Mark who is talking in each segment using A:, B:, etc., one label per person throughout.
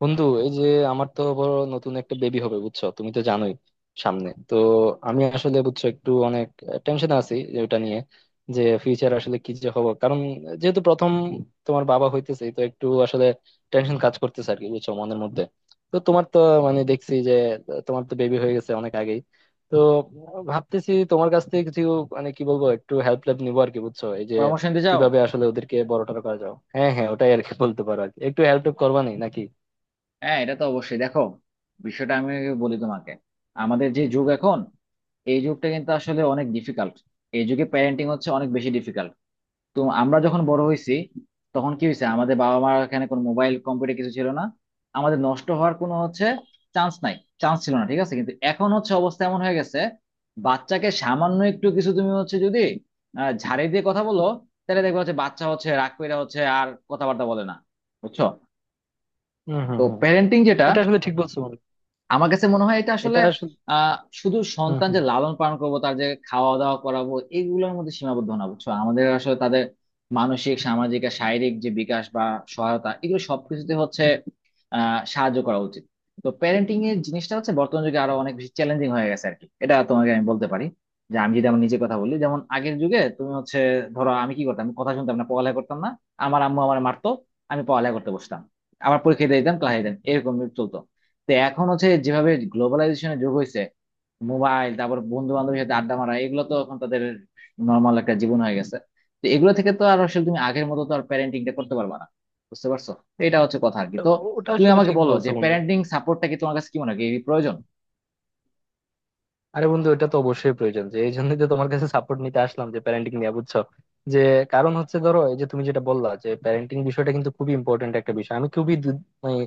A: বন্ধু, এই যে আমার তো বড় নতুন একটা বেবি হবে, বুঝছো? তুমি তো জানোই। সামনে তো আমি আসলে, বুঝছো, একটু অনেক টেনশন আছি যে, ওটা নিয়ে যে ফিউচার আসলে কি যে হবো। কারণ যেহেতু প্রথম তোমার বাবা হইতেছে, তো একটু আসলে টেনশন কাজ করতেছে আর কি, বুঝছো, মনের মধ্যে। তো তোমার তো, মানে, দেখছি যে তোমার তো বেবি হয়ে গেছে অনেক আগেই। তো ভাবতেছি তোমার কাছ থেকে কিছু, মানে, কি বলবো, একটু হেল্প টেল্প নিবো আর কি, বুঝছো, এই যে
B: পরামর্শ নিতে চাও?
A: কিভাবে আসলে ওদেরকে বড় টড় করা যাও। হ্যাঁ হ্যাঁ, ওটাই আর কি, বলতে পারো আর কি। একটু হেল্প করবা নি নাকি?
B: হ্যাঁ, এটা তো অবশ্যই। দেখো, বিষয়টা আমি বলি তোমাকে। আমাদের যে যুগ এখন, এই যুগটা কিন্তু আসলে অনেক ডিফিকাল্ট। এই যুগে প্যারেন্টিং হচ্ছে অনেক বেশি ডিফিকাল্ট। তো আমরা যখন বড় হয়েছি, তখন কি হয়েছে, আমাদের বাবা মার এখানে কোনো মোবাইল কম্পিউটার কিছু ছিল না। আমাদের নষ্ট হওয়ার কোনো হচ্ছে চান্স নাই, চান্স ছিল না। ঠিক আছে, কিন্তু এখন হচ্ছে অবস্থা এমন হয়ে গেছে, বাচ্চাকে সামান্য একটু কিছু তুমি হচ্ছে যদি ঝাড়ি দিয়ে কথা বলো, তাহলে দেখবে হচ্ছে বাচ্চা হচ্ছে রাগ কইরা হচ্ছে আর কথাবার্তা বলে না, বুঝছো?
A: হম হম
B: তো
A: হম।
B: প্যারেন্টিং যেটা,
A: এটা আসলে ঠিক বলছো, বন্ধু।
B: আমার কাছে মনে হয় এটা আসলে
A: এটা আসলে...
B: আহ শুধু
A: হম
B: সন্তান
A: হম।
B: যে লালন পালন করবো, তার যে খাওয়া দাওয়া করাবো, এগুলোর মধ্যে সীমাবদ্ধ না, বুঝছো? আমাদের আসলে তাদের মানসিক, সামাজিক আর শারীরিক যে বিকাশ বা সহায়তা, এগুলো সবকিছুতে হচ্ছে সাহায্য করা উচিত। তো প্যারেন্টিং এর জিনিসটা হচ্ছে বর্তমান যুগে আরো অনেক বেশি চ্যালেঞ্জিং হয়ে গেছে আর কি, এটা তোমাকে আমি বলতে পারি। যে আমি যদি আমার নিজের কথা বলি, যেমন আগের যুগে তুমি হচ্ছে ধরো আমি কি করতাম, আমি কথা শুনতাম না, পড়ালেখা করতাম না, আমার আম্মু আমার মারতো, আমি পড়ালেখা করতে বসতাম, আবার পরীক্ষা দিয়ে দিতাম ক্লাসে দিতাম, এরকম চলতো। তো এখন হচ্ছে যেভাবে গ্লোবালাইজেশনের যুগ হয়েছে, মোবাইল তারপর বন্ধু বান্ধবের সাথে আড্ডা মারা, এগুলো তো এখন তাদের নর্মাল একটা জীবন হয়ে গেছে। তো এগুলো থেকে তো আর আসলে তুমি আগের মতো তো আর প্যারেন্টিংটা করতে পারবা না। বুঝতে পারছো তো, এটা হচ্ছে কথা আর কি।
A: ওটা,
B: তো
A: ওটা
B: তুমি
A: আসলে
B: আমাকে
A: ঠিক
B: বলো
A: বলছো,
B: যে
A: বন্ধু।
B: প্যারেন্টিং সাপোর্টটা কি, তোমার কাছে কি মনে হয় এই প্রয়োজন?
A: আরে বন্ধু, এটা তো অবশ্যই প্রয়োজন, যে এই জন্যই তো তোমার কাছে সাপোর্ট নিতে আসলাম, যে প্যারেন্টিং নিয়ে, বুঝছো, যে কারণ হচ্ছে, ধরো, এই যে তুমি যেটা বললা যে প্যারেন্টিং বিষয়টা কিন্তু খুবই ইম্পর্টেন্ট একটা বিষয়, আমি খুবই মানে,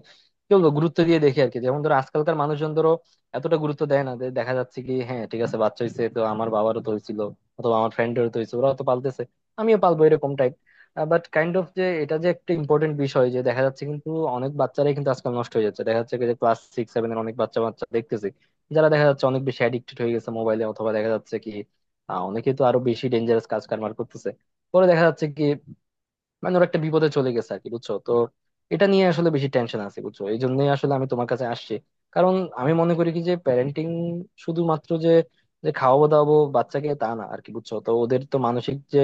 A: কি বলবো, গুরুত্ব দিয়ে দেখি আর কি। যেমন ধরো, আজকালকার মানুষজন ধরো এতটা গুরুত্ব দেয় না, যে দেখা যাচ্ছে কি, হ্যাঁ ঠিক আছে, বাচ্চা হইছে, তো আমার বাবারও তো হয়েছিল অথবা আমার ফ্রেন্ডেরও তো হয়েছে, ওরাও তো পালতেছে, আমিও পালবো, এরকম টাইপ। বাট কাইন্ড অফ, যে এটা যে একটা ইম্পর্টেন্ট বিষয়, যে দেখা যাচ্ছে কিন্তু অনেক বাচ্চারাই কিন্তু আজকাল নষ্ট হয়ে যাচ্ছে। দেখা যাচ্ছে কি, যে ক্লাস সিক্স সেভেন এর অনেক বাচ্চা বাচ্চা দেখতেছি যারা দেখা যাচ্ছে অনেক বেশি অ্যাডিক্টেড হয়ে গেছে মোবাইলে, অথবা দেখা যাচ্ছে কি, অনেকে তো আরো বেশি ডেঞ্জারাস কাজ কারবার করতেছে। পরে দেখা যাচ্ছে কি, মানে ওর একটা বিপদে চলে গেছে আর কি, বুঝছো। তো এটা নিয়ে আসলে বেশি টেনশন আছে, বুঝছো, এই জন্যই আসলে আমি তোমার কাছে আসছি। কারণ আমি মনে করি কি, যে প্যারেন্টিং শুধুমাত্র যে, যে খাওয়াবো দাওয়াবো বাচ্চাকে, তা না আর কি, বুঝছো। তো ওদের তো মানসিক যে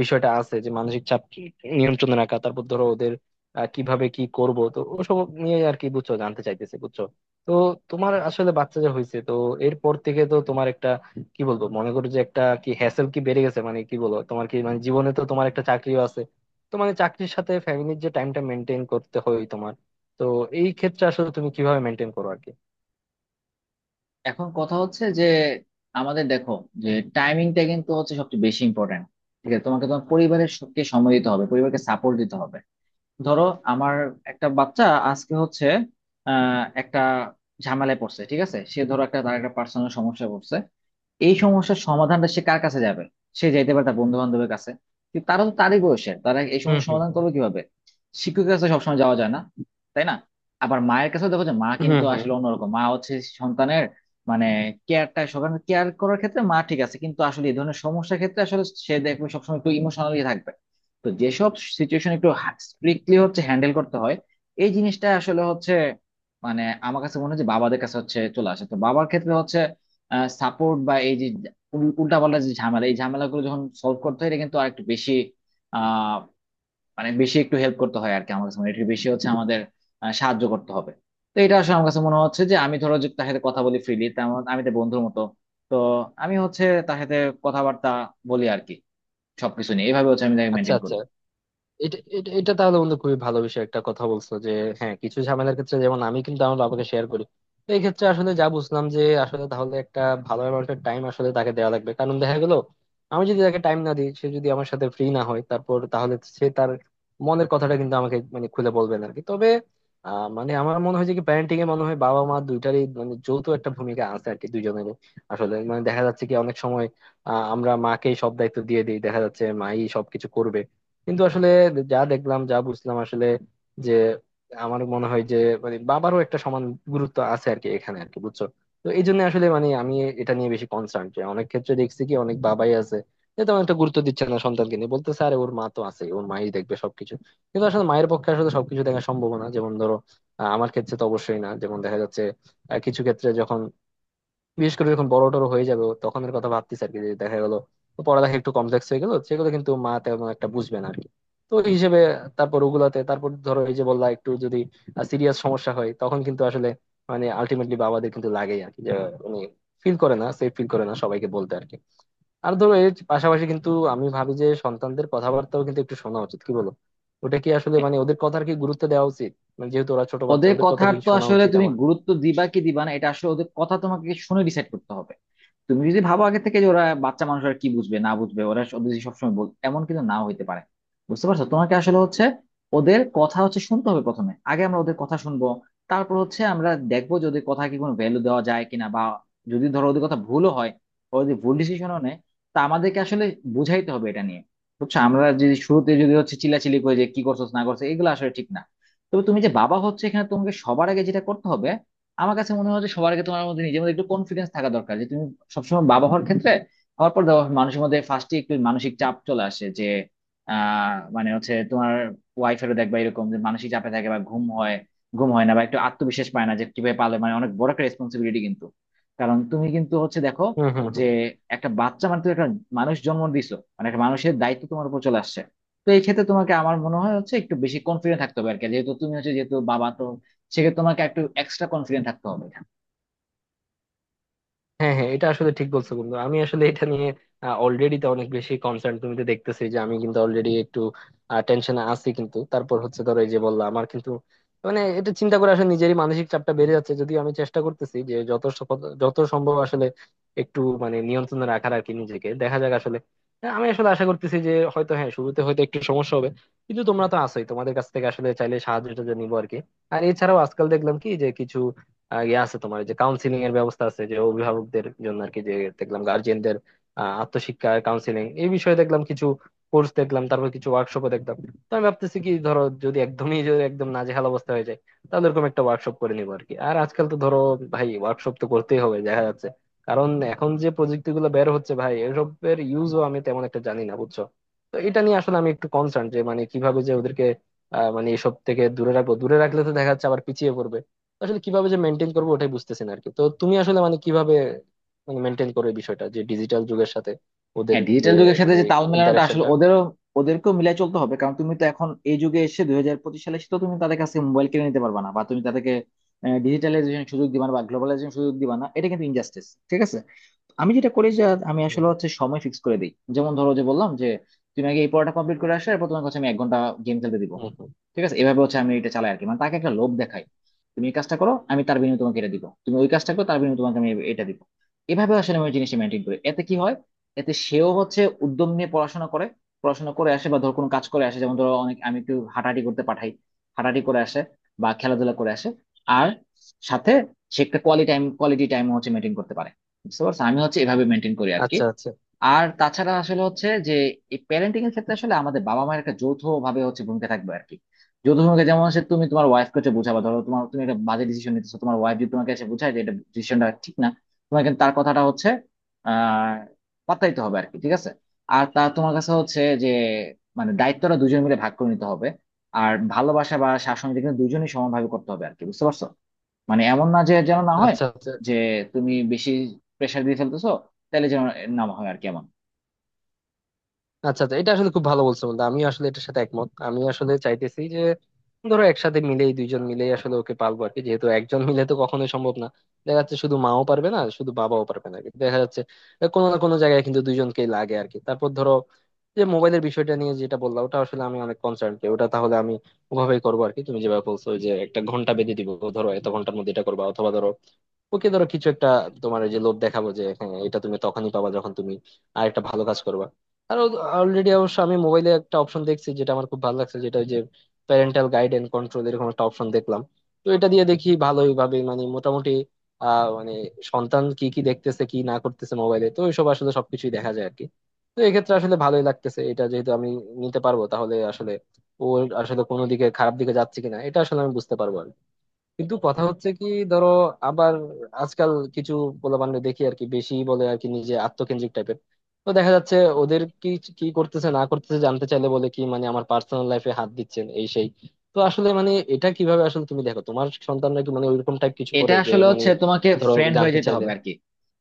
A: বিষয়টা আছে, যে মানসিক চাপ নিয়ন্ত্রণে রাখা, তারপর ধরো ওদের কিভাবে কি করব, তো ওসব নিয়ে আর কি, বুঝছো, জানতে চাইতেছে, বুঝছো। তো তোমার আসলে বাচ্চা যে হয়েছে, তো এরপর থেকে তো তোমার একটা, কি বলবো, মনে করো যে একটা কি হ্যাসেল কি বেড়ে গেছে, মানে কি বলবো, তোমার কি মানে জীবনে তো তোমার একটা চাকরিও আছে। তো মানে চাকরির সাথে ফ্যামিলির যে টাইমটা মেনটেন করতে হয় তোমার, তো এই ক্ষেত্রে আসলে তুমি কিভাবে মেনটেন করো আর কি?
B: এখন কথা হচ্ছে যে আমাদের দেখো যে টাইমিংটা কিন্তু হচ্ছে সবচেয়ে বেশি ইম্পর্ট্যান্ট। ঠিক আছে, তোমাকে তোমার পরিবারের সবকে সময় দিতে হবে, পরিবারকে সাপোর্ট দিতে হবে। ধরো আমার একটা বাচ্চা আজকে হচ্ছে একটা ঝামেলায় পড়ছে। ঠিক আছে, সে ধরো একটা তার একটা পার্সোনাল সমস্যা পড়ছে। এই সমস্যার সমাধানটা সে কার কাছে যাবে? সে যাইতে পারে তার বন্ধু বান্ধবের কাছে, কিন্তু তারা তো তারই বয়সের, তারা এই
A: হুম
B: সমস্যার
A: হুম
B: সমাধান
A: হুম।
B: করবে কিভাবে? শিক্ষকের কাছে সবসময় যাওয়া যায় না, তাই না? আবার মায়ের কাছেও দেখো, যে মা
A: হুম
B: কিন্তু
A: হুম।
B: আসলে অন্যরকম, মা হচ্ছে সন্তানের মানে কেয়ারটা, সকালে কেয়ার করার ক্ষেত্রে মা ঠিক আছে, কিন্তু আসলে এই ধরনের সমস্যার ক্ষেত্রে আসলে সে দেখবে সবসময় একটু ইমোশনালি থাকবে। তো যেসব সিচুয়েশন একটু স্ট্রিক্টলি হচ্ছে হ্যান্ডেল করতে হয়, এই জিনিসটা আসলে হচ্ছে মানে আমার কাছে মনে হয় যে বাবাদের কাছে হচ্ছে চলে আসে। তো বাবার ক্ষেত্রে হচ্ছে সাপোর্ট বা এই যে উল্টাপাল্টা যে ঝামেলা, এই ঝামেলাগুলো যখন সলভ করতে হয়, এটা কিন্তু আর একটু বেশি আহ মানে বেশি একটু হেল্প করতে হয় আর কি আমার কাছে মনে হয়। একটু বেশি হচ্ছে আমাদের সাহায্য করতে হবে। তো এটা আসলে আমার কাছে মনে হচ্ছে যে আমি ধরো যে তার সাথে কথা বলি ফ্রিলি, তেমন আমি তো বন্ধুর মতো। তো আমি হচ্ছে তার সাথে কথাবার্তা বলি আর কি, সবকিছু নিয়ে। এইভাবে হচ্ছে আমি তাকে
A: আচ্ছা
B: মেনটেন
A: আচ্ছা।
B: করি।
A: এটা এটা এটা তাহলে, বন্ধু, খুবই ভালো বিষয় একটা কথা বলছো, যে হ্যাঁ, কিছু ঝামেলার ক্ষেত্রে যেমন আমি কিন্তু আমার বাবাকে শেয়ার করি। তো এই ক্ষেত্রে আসলে যা বুঝলাম, যে আসলে তাহলে একটা ভালো অ্যামাউন্টের টাইম আসলে তাকে দেওয়া লাগবে, কারণ দেখা গেল, আমি যদি তাকে টাইম না দিই, সে যদি আমার সাথে ফ্রি না হয় তারপর, তাহলে সে তার মনের কথাটা কিন্তু আমাকে, মানে, খুলে বলবে না আর কি। তবে মানে, আমার মনে হয় যে কি, প্যারেন্টিং এ মনে হয় বাবা মা দুইটারই মানে যৌথ একটা ভূমিকা আছে আর কি, দুইজনেরই। আসলে মানে দেখা যাচ্ছে কি, অনেক সময় আমরা মাকেই সব দায়িত্ব দিয়ে দিই, দেখা যাচ্ছে মাই সবকিছু করবে। কিন্তু আসলে যা দেখলাম, যা বুঝলাম আসলে, যে আমার মনে হয় যে, মানে, বাবারও একটা সমান গুরুত্ব আছে আর কি এখানে আর কি, বুঝছো। তো এই জন্য আসলে মানে আমি এটা নিয়ে বেশি কনসার্ন, যে অনেক ক্ষেত্রে দেখছি কি, অনেক বাবাই আছে যে তেমন একটা গুরুত্ব দিচ্ছে না সন্তানকে নিয়ে, বলতে স্যার, ওর মা তো আছে, ওর মাই দেখবে সবকিছু। কিন্তু আসলে মায়ের পক্ষে আসলে সবকিছু দেখা সম্ভব না, যেমন ধরো আমার ক্ষেত্রে তো অবশ্যই না, যেমন দেখা যাচ্ছে কিছু ক্ষেত্রে যখন, বিশেষ করে যখন বড় টড় হয়ে যাবে ও, তখনের কথা ভাবতেছি আর কি, যে দেখা গেল ও পড়ালেখা একটু কমপ্লেক্স হয়ে গেল, সেগুলো কিন্তু মা তেমন একটা বুঝবে না আর কি। তো ওই হিসেবে তারপর ওগুলাতে, তারপর ধরো, এই যে বললা, একটু যদি সিরিয়াস সমস্যা হয়, তখন কিন্তু আসলে মানে আলটিমেটলি বাবাদের কিন্তু লাগেই আর কি, যে উনি ফিল করে না, সেফ ফিল করে না সবাইকে বলতে আর কি। আর ধরো এর পাশাপাশি কিন্তু আমি ভাবি যে, সন্তানদের কথাবার্তাও কিন্তু একটু শোনা উচিত, কি বলো? ওটা কি আসলে
B: হ্যাঁ,
A: মানে, ওদের কথার কি গুরুত্ব দেওয়া উচিত? মানে যেহেতু ওরা ছোট বাচ্চা,
B: ওদের
A: ওদের কথা
B: কথার
A: কি
B: তো
A: শোনা
B: আসলে
A: উচিত
B: তুমি
A: আমার?
B: গুরুত্ব দিবা কি দিবা না, এটা আসলে ওদের কথা তোমাকে শুনে ডিসাইড করতে হবে। তুমি যদি ভাবো আগে থেকে যে ওরা বাচ্চা মানুষ আর কি বুঝবে না, বুঝবে ওরা যদি সবসময় বল, এমন কিন্তু নাও হইতে পারে। বুঝতে পারছো? তোমাকে আসলে হচ্ছে ওদের কথা হচ্ছে শুনতে হবে প্রথমে, আগে আমরা ওদের কথা শুনবো, তারপর হচ্ছে আমরা দেখবো যদি ওদের কথা কি কোনো ভ্যালু দেওয়া যায় কিনা। বা যদি ধরো ওদের কথা ভুলও হয়, ওরা যদি ভুল ডিসিশনও নেয়, তা আমাদেরকে আসলে বুঝাইতে হবে এটা নিয়ে, বুঝছো? আমরা যদি শুরুতে যদি হচ্ছে চিল্লাচিল্লি করে যে কি করছো না করছো, এগুলো আসলে ঠিক না। তবে তুমি যে বাবা হচ্ছে, এখানে তোমাকে সবার আগে যেটা করতে হবে, আমার কাছে মনে হয় যে সবার আগে তোমার মধ্যে নিজের মধ্যে একটু কনফিডেন্স থাকা দরকার, যে তুমি সবসময় বাবা হওয়ার ক্ষেত্রে, হওয়ার পর দেখো মানুষের মধ্যে ফার্স্টে একটু মানসিক চাপ চলে আসে যে মানে হচ্ছে তোমার ওয়াইফেরও দেখবা এরকম যে মানসিক চাপে থাকে বা ঘুম হয়, ঘুম হয় না বা একটু আত্মবিশ্বাস পায় না যে কিভাবে পালে। মানে অনেক বড় একটা রেসপন্সিবিলিটি কিন্তু, কারণ তুমি কিন্তু হচ্ছে দেখো
A: হম হম।
B: যে একটা বাচ্চা মানে তুমি একটা মানুষ জন্ম দিছো, মানে একটা মানুষের দায়িত্ব তোমার উপর চলে আসছে। তো এই ক্ষেত্রে তোমাকে আমার মনে হয় হচ্ছে একটু বেশি কনফিডেন্ট থাকতে হবে আর কি। যেহেতু তুমি হচ্ছে, যেহেতু বাবা তো, সেক্ষেত্রে তোমাকে একটু এক্সট্রা কনফিডেন্ট থাকতে হবে।
A: হ্যাঁ হ্যাঁ, এটা আসলে ঠিক বলছো, বন্ধু। আমি আসলে এটা নিয়ে অলরেডি তো অনেক বেশি কনসার্ন, তুমি তো দেখতেছি যে আমি কিন্তু অলরেডি একটু টেনশনে আছি। কিন্তু তারপর হচ্ছে, ধরো, এই যে বললাম, আমার কিন্তু মানে এটা চিন্তা করে আসলে নিজেরই মানসিক চাপটা বেড়ে যাচ্ছে, যদিও আমি চেষ্টা করতেছি যে যত যত সম্ভব আসলে একটু মানে নিয়ন্ত্রণে রাখার আর কি নিজেকে, দেখা যাক আসলে। হ্যাঁ, আমি আসলে আশা করতেছি যে, হয়তো হ্যাঁ, শুরুতে হয়তো একটু সমস্যা হবে, কিন্তু তোমরা তো আছোই, তোমাদের কাছ থেকে আসলে চাইলে সাহায্যটা নিবো আর কি। আর এছাড়াও আজকাল দেখলাম কি, যে কিছু ইয়ে আছে তোমার, যে কাউন্সিলিং এর ব্যবস্থা আছে যে অভিভাবকদের জন্য আর কি, যে দেখলাম গার্জিয়ানদের আত্মশিক্ষা কাউন্সিলিং এই বিষয়ে দেখলাম কিছু কোর্স দেখলাম, তারপর কিছু ওয়ার্কশপও দেখলাম। তো আমি ভাবতেছি কি, ধরো যদি একদমই যদি একদম নাজেহাল অবস্থা হয়ে যায়, তাহলে এরকম একটা ওয়ার্কশপ করে নিবো আর কি। আর আজকাল তো ধরো, ভাই, ওয়ার্কশপ তো করতেই হবে দেখা যাচ্ছে, কারণ এখন যে প্রযুক্তি গুলো বের হচ্ছে ভাই, এসবের ইউজও আমি তেমন একটা জানি না, বুঝছো। তো এটা নিয়ে আসলে আমি একটু কনসার্ন, যে মানে কিভাবে যে ওদেরকে মানে এসব থেকে দূরে রাখবো, দূরে রাখলে তো দেখা যাচ্ছে আবার পিছিয়ে পড়বে। আসলে কিভাবে যে মেনটেন করবো, ওটাই বুঝতেছি না আরকি। তো তুমি আসলে মানে কিভাবে, মানে, মেনটেন করো এই বিষয়টা, যে ডিজিটাল যুগের সাথে ওদের
B: হ্যাঁ,
A: যে,
B: ডিজিটাল যুগের সাথে
A: মানে,
B: যে তাল মেলানোটা আসলে
A: ইন্টারাকশনটা।
B: ওদেরও, ওদেরকেও মিলাই চলতে হবে। কারণ তুমি তো এখন এই যুগে এসে 2025 সালে এসে তো তুমি তাদের কাছে মোবাইল কিনে নিতে পারবা না, বা তুমি তাদেরকে ডিজিটালাইজেশন সুযোগ দিবা না বা গ্লোবালাইজেশন সুযোগ দিবা না, এটা কিন্তু ইনজাস্টিস। ঠিক আছে, আমি যেটা করি যে আমি
A: হুম
B: আসলে
A: হুম।
B: হচ্ছে সময় ফিক্স করে দিই। যেমন ধরো যে বললাম যে তুমি আগে এই পড়াটা কমপ্লিট করে আসলে, এরপর তোমাকে হচ্ছে আমি এক ঘন্টা গেম খেলতে দিব।
A: হুম হুম।
B: ঠিক আছে, এভাবে হচ্ছে আমি এটা চালাই আর কি। মানে তাকে একটা লোভ দেখাই, তুমি এই কাজটা করো আমি তার বিনিময়ে তোমাকে এটা দিব, তুমি ওই কাজটা করো তার বিনিময়ে তোমাকে আমি এটা দিব। এভাবে আসলে আমি জিনিসটা মেনটেন করি। এতে কি হয়, এতে সেও হচ্ছে উদ্যম নিয়ে পড়াশোনা করে, পড়াশোনা করে আসে, বা ধর কোনো কাজ করে আসে। যেমন ধরো অনেক আমি একটু হাঁটাহাঁটি করতে পাঠাই, হাঁটাহাঁটি করে আসে বা খেলাধুলা করে আসে। আর সাথে সে একটা কোয়ালিটি টাইম, কোয়ালিটি টাইম হচ্ছে মেনটেন করতে পারে। বুঝতে পারছো, আমি হচ্ছে এভাবে মেনটেন করি আর কি।
A: আচ্ছা আচ্ছা।
B: আর তাছাড়া আসলে হচ্ছে যে এই প্যারেন্টিং এর ক্ষেত্রে আসলে আমাদের বাবা মায়ের একটা যৌথ ভাবে হচ্ছে ভূমিকা থাকবে আর কি। যৌথ ভূমিকা, যেমন হচ্ছে তুমি তোমার ওয়াইফ কে হচ্ছে বোঝাবা, ধরো তোমার তুমি একটা বাজে ডিসিশন নিতেছো, তোমার ওয়াইফ যদি তোমাকে এসে বোঝায় যে এটা ডিসিশনটা ঠিক না, তোমাকে কিন্তু তার কথাটা হচ্ছে আহ পাত্তা দিতে হবে আর কি। ঠিক আছে, আর তা তোমার কাছে হচ্ছে যে মানে দায়িত্বটা দুজন মিলে ভাগ করে নিতে হবে। আর ভালোবাসা বা শাসন এটা কিন্তু দুজনই সমানভাবে করতে হবে আর কি, বুঝতে পারছো? মানে এমন না যে, যেন না হয়
A: আচ্ছা আচ্ছা।
B: যে তুমি বেশি প্রেশার দিয়ে ফেলতেছো, তাহলে যেন না হয় আর কি এমন।
A: আচ্ছা আচ্ছা, এটা আসলে খুব ভালো বলছো, বন্ধু। আমি আসলে এটার সাথে একমত। আমি আসলে চাইতেছি যে, ধরো, একসাথে মিলেই, দুইজন মিলেই আসলে ওকে পালবো আর কি, যেহেতু একজন মিলে তো কখনোই সম্ভব না। দেখা যাচ্ছে শুধু মাও পারবে না, শুধু বাবাও পারবে না, কিন্তু দেখা যাচ্ছে কোনো না কোনো জায়গায় কিন্তু দুইজনকেই লাগে আর কি। তারপর ধরো যে মোবাইলের বিষয়টা নিয়ে যেটা বললাম, ওটা আসলে আমি অনেক কনসার্ন, ওটা তাহলে আমি ওভাবেই করবো আর কি, তুমি যেভাবে বলছো, ওই যে একটা ঘন্টা বেঁধে দিব, ধরো এত ঘন্টার মধ্যে এটা করবা, অথবা ধরো ওকে ধরো কিছু একটা, তোমার ওই যে লোভ দেখাবো, যে হ্যাঁ এটা তুমি তখনই পাবা যখন তুমি আর একটা ভালো কাজ করবা। আর অলরেডি অবশ্য আমি মোবাইলে একটা অপশন দেখছি যেটা আমার খুব ভালো লাগছে, যেটা ওই যে প্যারেন্টাল গাইড এন্ড কন্ট্রোল, এরকম একটা অপশন দেখলাম। তো এটা দিয়ে দেখি ভালোই ভাবে মানে মোটামুটি মানে, সন্তান কি কি দেখতেছে, কি না করতেছে মোবাইলে, তো এইসব আসলে সবকিছুই দেখা যায় আর কি। তো এক্ষেত্রে আসলে ভালোই লাগতেছে, এটা যেহেতু আমি নিতে পারবো, তাহলে আসলে ওর আসলে কোনো দিকে, খারাপ দিকে যাচ্ছে কিনা, এটা আসলে আমি বুঝতে পারবো আর কি। কিন্তু কথা হচ্ছে কি, ধরো আবার আজকাল কিছু পোলাপানরে দেখি আর কি, বেশি বলে আর কি, নিজে আত্মকেন্দ্রিক টাইপের। তো দেখা যাচ্ছে ওদের কি কি করতেছে না করতেছে জানতে চাইলে বলে কি, মানে আমার পার্সোনাল লাইফে হাত দিচ্ছেন, এই সেই। তো আসলে মানে এটা কিভাবে আসলে তুমি দেখো, তোমার সন্তানরা কি মানে ওইরকম টাইপ কিছু
B: এটা
A: করে, যে
B: আসলে
A: মানে
B: হচ্ছে তোমাকে
A: ধরো
B: ফ্রেন্ড হয়ে
A: জানতে
B: যেতে
A: চাইলে?
B: হবে আর কি।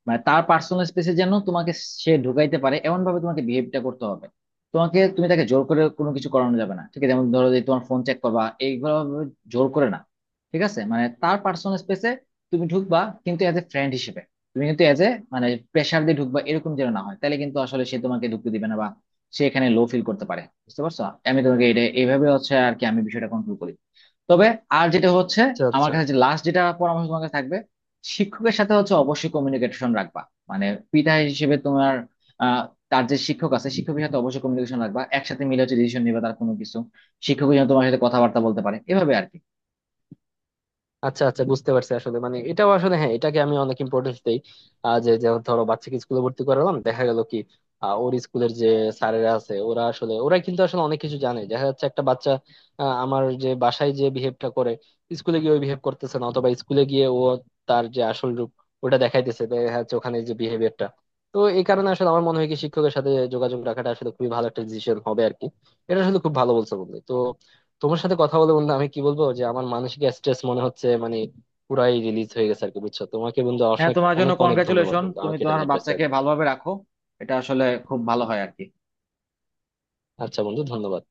B: মানে তার পার্সোনাল স্পেসে যেন তোমাকে সে ঢুকাইতে পারে এমন ভাবে তোমাকে বিহেভটা করতে হবে। তোমাকে, তুমি তাকে জোর করে কোনো কিছু করানো যাবে না। ঠিক আছে, যেমন ধরো যে তোমার ফোন চেক করবা এইগুলো জোর করে না। ঠিক আছে, মানে তার পার্সোনাল স্পেসে তুমি ঢুকবা, কিন্তু এজ এ ফ্রেন্ড হিসেবে। তুমি কিন্তু এজ এ মানে প্রেশার দিয়ে ঢুকবা এরকম যেন না হয়, তাহলে কিন্তু আসলে সে তোমাকে ঢুকতে দিবে না বা সে এখানে লো ফিল করতে পারে, বুঝতে পারছো? আমি তোমাকে এটা এইভাবে হচ্ছে আর কি, আমি বিষয়টা কন্ট্রোল করি। তবে আর যেটা হচ্ছে,
A: আচ্ছা
B: আমার
A: আচ্ছা।
B: কাছে যে লাস্ট যেটা পরামর্শ তোমার কাছে থাকবে, শিক্ষকের সাথে হচ্ছে অবশ্যই কমিউনিকেশন রাখবা। মানে পিতা হিসেবে তোমার আহ, তার যে শিক্ষক আছে, শিক্ষকের সাথে অবশ্যই কমিউনিকেশন রাখবা, একসাথে মিলে হচ্ছে ডিসিশন নিবে তার কোনো কিছু। শিক্ষক যেন তোমার সাথে কথাবার্তা বলতে পারে এভাবে আর কি।
A: আচ্ছা আচ্ছা, বুঝতে পারছি আসলে মানে। এটাও আসলে, হ্যাঁ, এটাকে আমি অনেক ইম্পর্টেন্স দেই। যে যে ধরো বাচ্চাকে স্কুলে ভর্তি করালাম, দেখা গেল কি, ওর স্কুলের যে স্যারেরা আছে, ওরা আসলে, ওরা কিন্তু আসলে অনেক কিছু জানে, দেখা যাচ্ছে একটা বাচ্চা আমার যে বাসায় যে বিহেভটা করে, স্কুলে গিয়ে ওই বিহেভ করতেছে না, অথবা স্কুলে গিয়ে ও তার যে আসল রূপ ওটা দেখাইতেছে, দেখা যাচ্ছে ওখানে যে বিহেভিয়ারটা। তো এই কারণে আসলে আমার মনে হয় কি, শিক্ষকের সাথে যোগাযোগ রাখাটা আসলে খুবই ভালো একটা ডিসিশন হবে আর কি। এটা আসলে খুব ভালো বলছো, বন্ধু। তো তোমার সাথে কথা বলে, বন্ধু, আমি কি বলবো, যে আমার মানসিক স্ট্রেস মনে হচ্ছে মানে পুরাই রিলিজ হয়ে গেছে আর কি, বুঝছো। তোমাকে, বন্ধু,
B: হ্যাঁ,
A: অনেক
B: তোমার জন্য
A: অনেক অনেক ধন্যবাদ,
B: কনগ্রাচুলেশন,
A: বন্ধু,
B: তুমি
A: আমাকে এটা
B: তোমার
A: নিয়ে অ্যাডভাইস দেওয়ার
B: বাচ্চাকে
A: জন্য।
B: ভালোভাবে রাখো, এটা আসলে খুব ভালো হয় আর কি।
A: আচ্ছা বন্ধু, ধন্যবাদ।